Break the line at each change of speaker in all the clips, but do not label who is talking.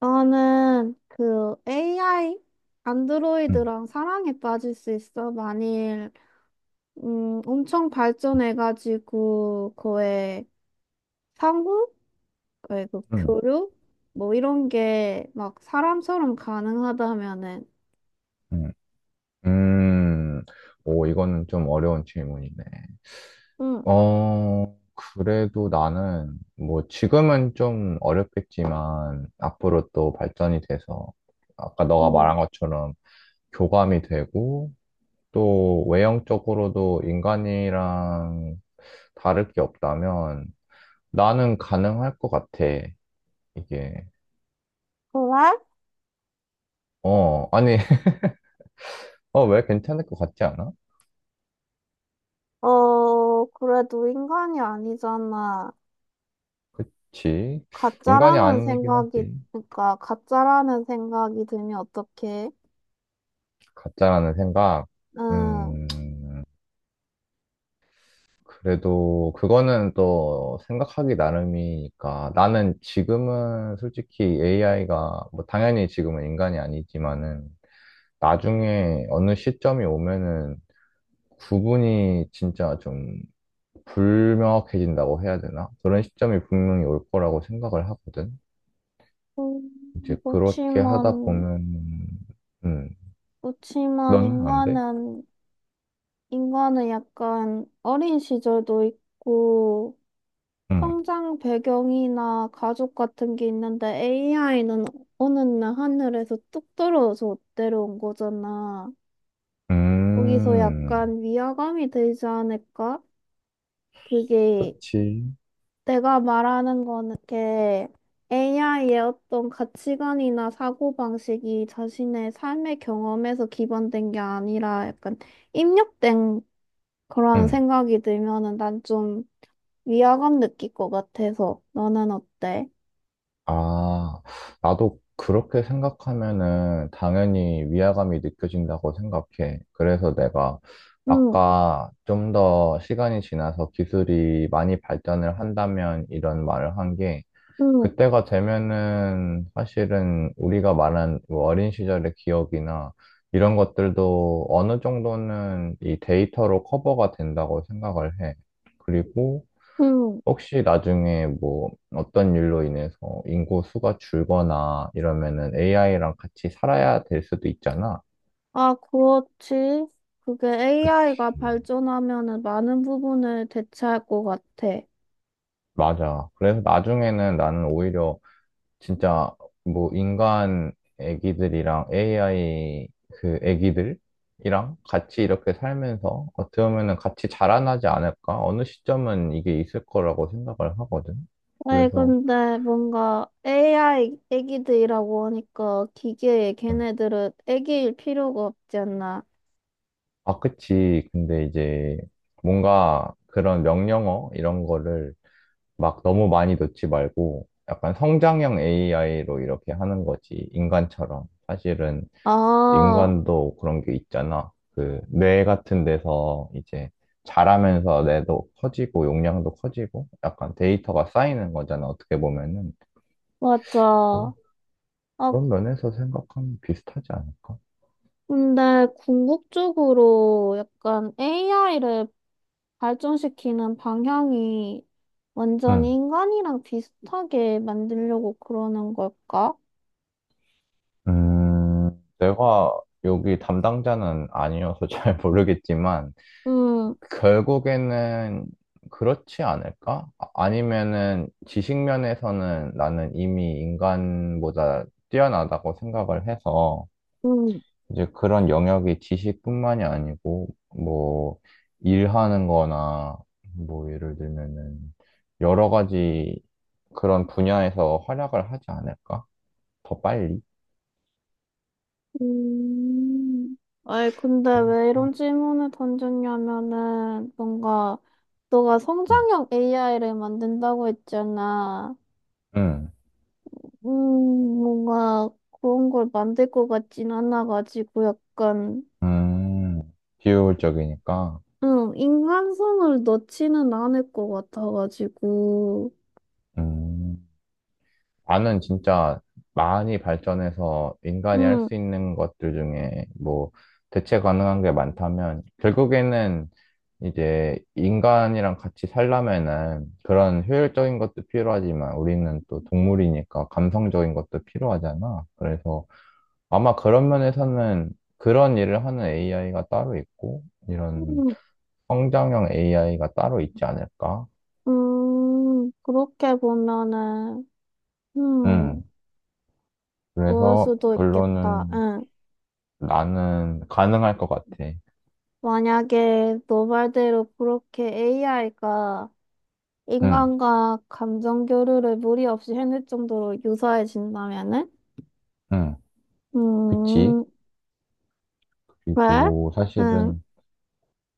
나는 그 AI
음,
안드로이드랑 사랑에 빠질 수 있어. 만일 엄청 발전해가지고 상호, 그의 그
음,
교류 뭐 이런 게 막 사람처럼 가능하다면은.
음, 음. 오, 이거는 좀 어려운 질문이네.
응,
어, 그래도 나는, 뭐, 지금은 좀 어렵겠지만, 앞으로 또 발전이 돼서, 아까 너가
응.
말한 것처럼 교감이 되고, 또 외형적으로도 인간이랑 다를 게 없다면, 나는 가능할 것 같아, 이게.
그래?
어, 아니, 어, 왜 괜찮을 것 같지 않아?
어, 그래도 인간이 아니잖아.
그치. 인간이
가짜라는
아니긴
생각이
하지.
그러니까 가짜라는 생각이 들면 어떡해?
가짜라는 생각.
응.
음, 그래도 그거는 또 생각하기 나름이니까. 나는 지금은 솔직히 AI가, 뭐 당연히 지금은 인간이 아니지만은 나중에 어느 시점이 오면은 구분이 진짜 좀 불명확해진다고 해야 되나? 그런 시점이 분명히 올 거라고 생각을 하거든. 이제
음,
그렇게 하다
그렇지만.
보면, 음,
그렇지만
너는 안 돼?
인간은 약간 어린 시절도 있고
응.
성장 배경이나 가족 같은 게 있는데 AI는 어느 날 하늘에서 뚝 떨어져 내려온 거잖아. 거기서
음,
약간 위화감이 들지 않을까? 그게
그렇지.
내가 말하는 거는 게 AI의 어떤 가치관이나 사고방식이 자신의 삶의 경험에서 기반된 게 아니라 약간 입력된 그런
응.
생각이 들면은 난 좀 위화감 느낄 것 같아서 너는 어때?
아, 나도 그렇게 생각하면은 당연히 위화감이 느껴진다고 생각해. 그래서 내가
응,
아까 좀 더 시간이 지나서 기술이 많이 발전을 한다면 이런 말을 한 게,
응,
그때가 되면은 사실은 우리가 말한 뭐 어린 시절의 기억이나 이런 것들도 어느 정도는 이 데이터로 커버가 된다고 생각을 해. 그리고
응.
혹시 나중에 뭐 어떤 일로 인해서 인구 수가 줄거나 이러면은 AI랑 같이 살아야 될 수도 있잖아.
아, 그렇지. 그게
그치.
AI가 발전하면은 많은 부분을 대체할 것 같아.
맞아. 그래서 나중에는 나는 오히려 진짜 뭐 인간 애기들이랑 AI 그 애기들이랑 같이 이렇게 살면서 어떻게 보면은 같이 자라나지 않을까? 어느 시점은 이게 있을 거라고 생각을 하거든.
아니,
그래서
근데 뭔가 AI 애기들이라고 하니까 기계에
음,
걔네들은 애기일 필요가 없지 않나.
아, 그치. 근데 이제 뭔가 그런 명령어 이런 거를 막 너무 많이 넣지 말고 약간 성장형 AI로 이렇게 하는 거지. 인간처럼. 사실은
아,
인간도 그런 게 있잖아. 그 뇌 같은 데서 이제 자라면서 뇌도 커지고 용량도 커지고 약간 데이터가 쌓이는 거잖아. 어떻게 보면은.
맞아.
그-
아,
그런 면에서 생각하면 비슷하지 않을까?
근데 궁극적으로 약간 AI를 발전시키는 방향이 완전히 인간이랑 비슷하게 만들려고 그러는 걸까?
음, 내가 여기 담당자는 아니어서 잘 모르겠지만,
음,
결국에는 그렇지 않을까? 아니면은 지식면에서는 나는 이미 인간보다 뛰어나다고 생각을 해서,
음,
이제 그런 영역이 지식뿐만이 아니고, 뭐, 일하는 거나, 뭐, 예를 들면은, 여러 가지 그런 분야에서 활약을 하지 않을까? 더 빨리?
음. 아이, 근데 왜 이런 질문을 던졌냐면은, 뭔가, 너가 성장형 AI를 만든다고 했잖아.
응.
음, 뭔가, 그런 걸 만들 것 같진 않아가지고, 약간,
음, 비효율적이니까.
인간성을 넣지는 않을 것 같아가지고.
음, 나는 진짜 많이 발전해서 인간이 할
음.
수 있는 것들 중에 뭐 대체 가능한 게 많다면 결국에는 이제 인간이랑 같이 살려면은 그런 효율적인 것도 필요하지만 우리는 또 동물이니까 감성적인 것도 필요하잖아. 그래서 아마 그런 면에서는 그런 일을 하는 AI가 따로 있고 이런
음.
성장형 AI가 따로 있지 않을까?
그렇게 보면은, 음,
음.
그럴
그래서
수도 있겠다.
결론은
응.
나는 가능할 것 같아.
만약에 너 말대로 그렇게 AI가
응,
인간과 감정 교류를 무리 없이 해낼 정도로 유사해진다면은?
응, 그치.
음, 그래?
그리고
응,
사실은,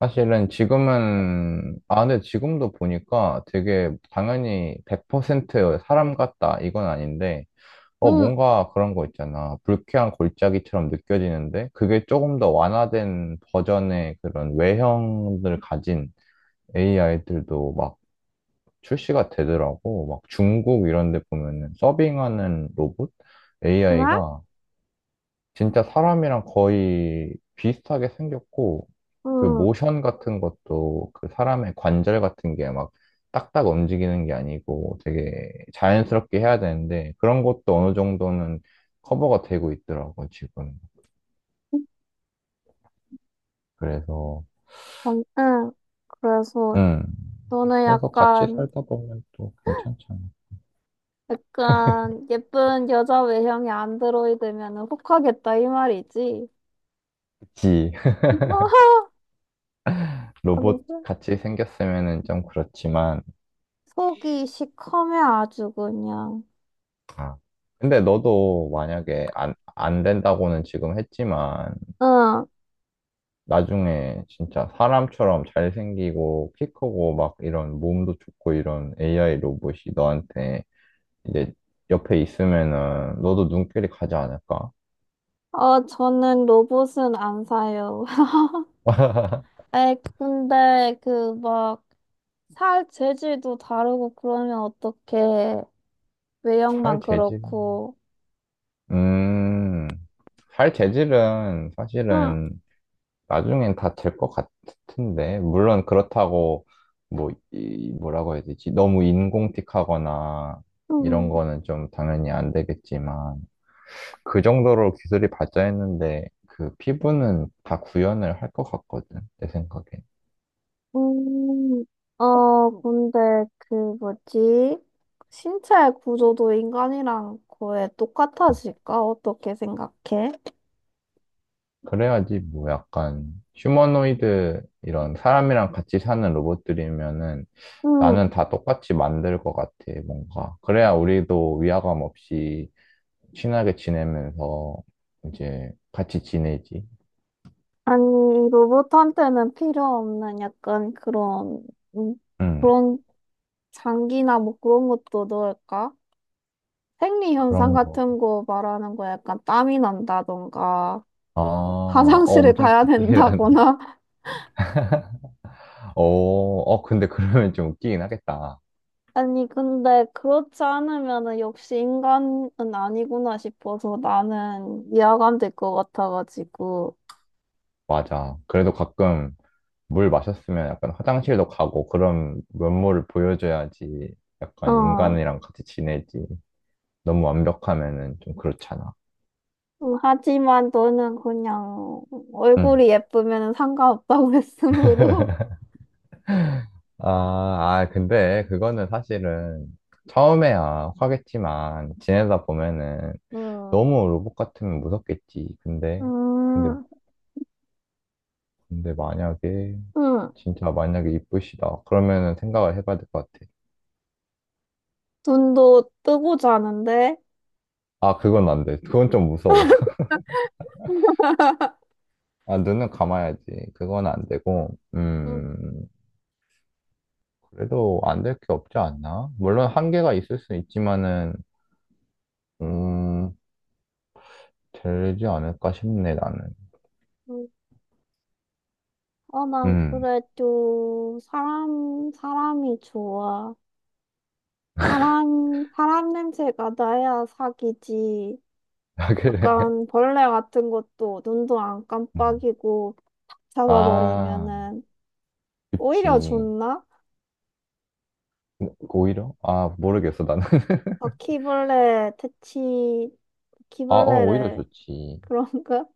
사실은 지금은, 아, 근데 지금도 보니까 되게 당연히 100% 사람 같다, 이건 아닌데, 어,
응,
뭔가 그런 거 있잖아. 불쾌한 골짜기처럼 느껴지는데, 그게 조금 더 완화된 버전의 그런 외형을 가진 AI들도 출시가 되더라고. 막 중국 이런 데 보면은 서빙하는 로봇
그래?
AI가 진짜 사람이랑 거의 비슷하게 생겼고 그
응,
모션 같은 것도 그 사람의 관절 같은 게 막 딱딱 움직이는 게 아니고 되게 자연스럽게 해야 되는데 그런 것도 어느 정도는 커버가 되고 있더라고, 지금. 그래서,
응, 응. 그래서
음.
너는
그래서 같이 살다 보면 또 괜찮잖아.
약간 예쁜 여자 외형의 안드로이드면은 혹하겠다 이 말이지.
그치.
아,
로봇
무슨
같이 생겼으면은 좀 그렇지만,
속이 시커매 아주 그냥.
아, 근데 너도 만약에 안 된다고는 지금 했지만,
응.
나중에 진짜 사람처럼 잘생기고, 키 크고, 막 이런 몸도 좋고, 이런 AI 로봇이 너한테 이제 옆에 있으면은 너도 눈길이 가지 않을까?
어, 저는 로봇은 안 사요. 근데 그 막 살 재질도 다르고 그러면 어떡해.
살
외형만
재질.
그렇고.
음, 살 재질은
응.
사실은 나중엔 다 될 것 같은데, 물론 그렇다고, 뭐, 이, 뭐라고 해야 되지? 너무 인공틱하거나, 이런
음,
거는 좀 당연히 안 되겠지만, 그 정도로 기술이 발전했는데, 그 피부는 다 구현을 할 것 같거든, 내 생각에.
음, 근데 그 뭐지? 신체 구조도 인간이랑 거의
음.
똑같아질까? 어떻게 생각해?
그래야지, 뭐, 약간, 휴머노이드, 이런 사람이랑 같이 사는 로봇들이면은,
응.
나는 다 똑같이 만들 것 같아, 뭔가. 그래야 우리도 위화감 없이, 친하게 지내면서 이제 같이 지내지.
아니, 로봇한테는 필요 없는 약간 음,
응,
그런 장기나 뭐 그런 것도 넣을까? 생리현상
그런 거.
같은 거 말하는 거 약간 땀이 난다던가,
아, 어,
화장실을
엄청
가야
디테일하네.
된다거나.
어, 어, 근데 그러면 좀 웃기긴 하겠다.
아니, 근데 그렇지 않으면은 역시 인간은 아니구나 싶어서 나는 이해감 될 것 같아가지고.
맞아. 그래도 가끔 물 마셨으면 약간 화장실도 가고 그런 면모를 보여줘야지 약간
어.
인간이랑 같이 지내지. 너무 완벽하면은 좀 그렇잖아.
하지만 너는 그냥
응.
얼굴이 예쁘면 상관없다고 했으므로.
아, 아, 근데 그거는 사실은 처음에야 화겠지만 지내다 보면은
음.
너무 로봇 같으면 무섭겠지. 근데,
음,
근데 만약에,
응.
진짜 만약에 이쁘시다. 그러면은 생각을 해봐야 될 것 같아.
눈도 뜨고 자는데?
아, 그건 안 돼. 그건 좀 무서워. 아, 눈은 감아야지. 그건 안 되고,
응,
그래도 안될게 없지 않나? 물론 한계가 있을 수 있지만은, 음, 되지 않을까 싶네, 나는.
응. 어, 난
음,
그래, 도 사람이 좋아. 사람 냄새가 나야 사귀지.
아, 그래.
약간 벌레 같은 것도 눈도 안
음.
깜빡이고
아,
잡아버리면은 오히려
그치.
좋나?
오히려? 아, 모르겠어, 나는.
바퀴벌레 퇴치,
아, 어, 오히려
바퀴벌레를,
좋지.
그런가?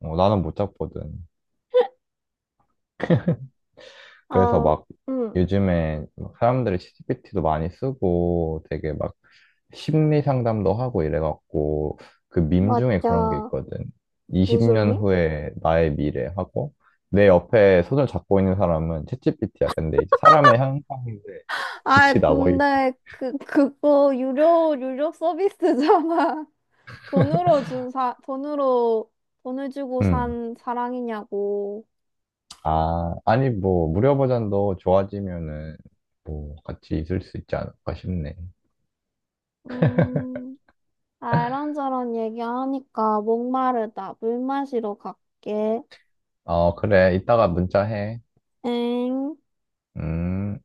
어, 나는 못 잡거든. 그래서
아,
막
응,
요즘에 막 사람들이 ChatGPT도 많이 쓰고 되게 막 심리 상담도 하고 이래갖고 그 밈 중에 그런 게
맞아.
있거든.
무슨
20년
미?
후에 나의 미래 하고 내 옆에 손을 잡고 있는 사람은 챗GPT야. 근데 이제 사람의 형상인데
아,
빛이 나고 있...
근데 그거 유료 서비스잖아. 돈으로 돈을 주고
음.
산 사랑이냐고.
아, 아니 뭐 무료 버전도 좋아지면은 뭐 같이 있을 수 있지 않을까 싶네.
음, 아, 이런저런 얘기하니까 목마르다. 물 마시러 갈게.
어, 그래. 이따가 문자해.
엥.
음.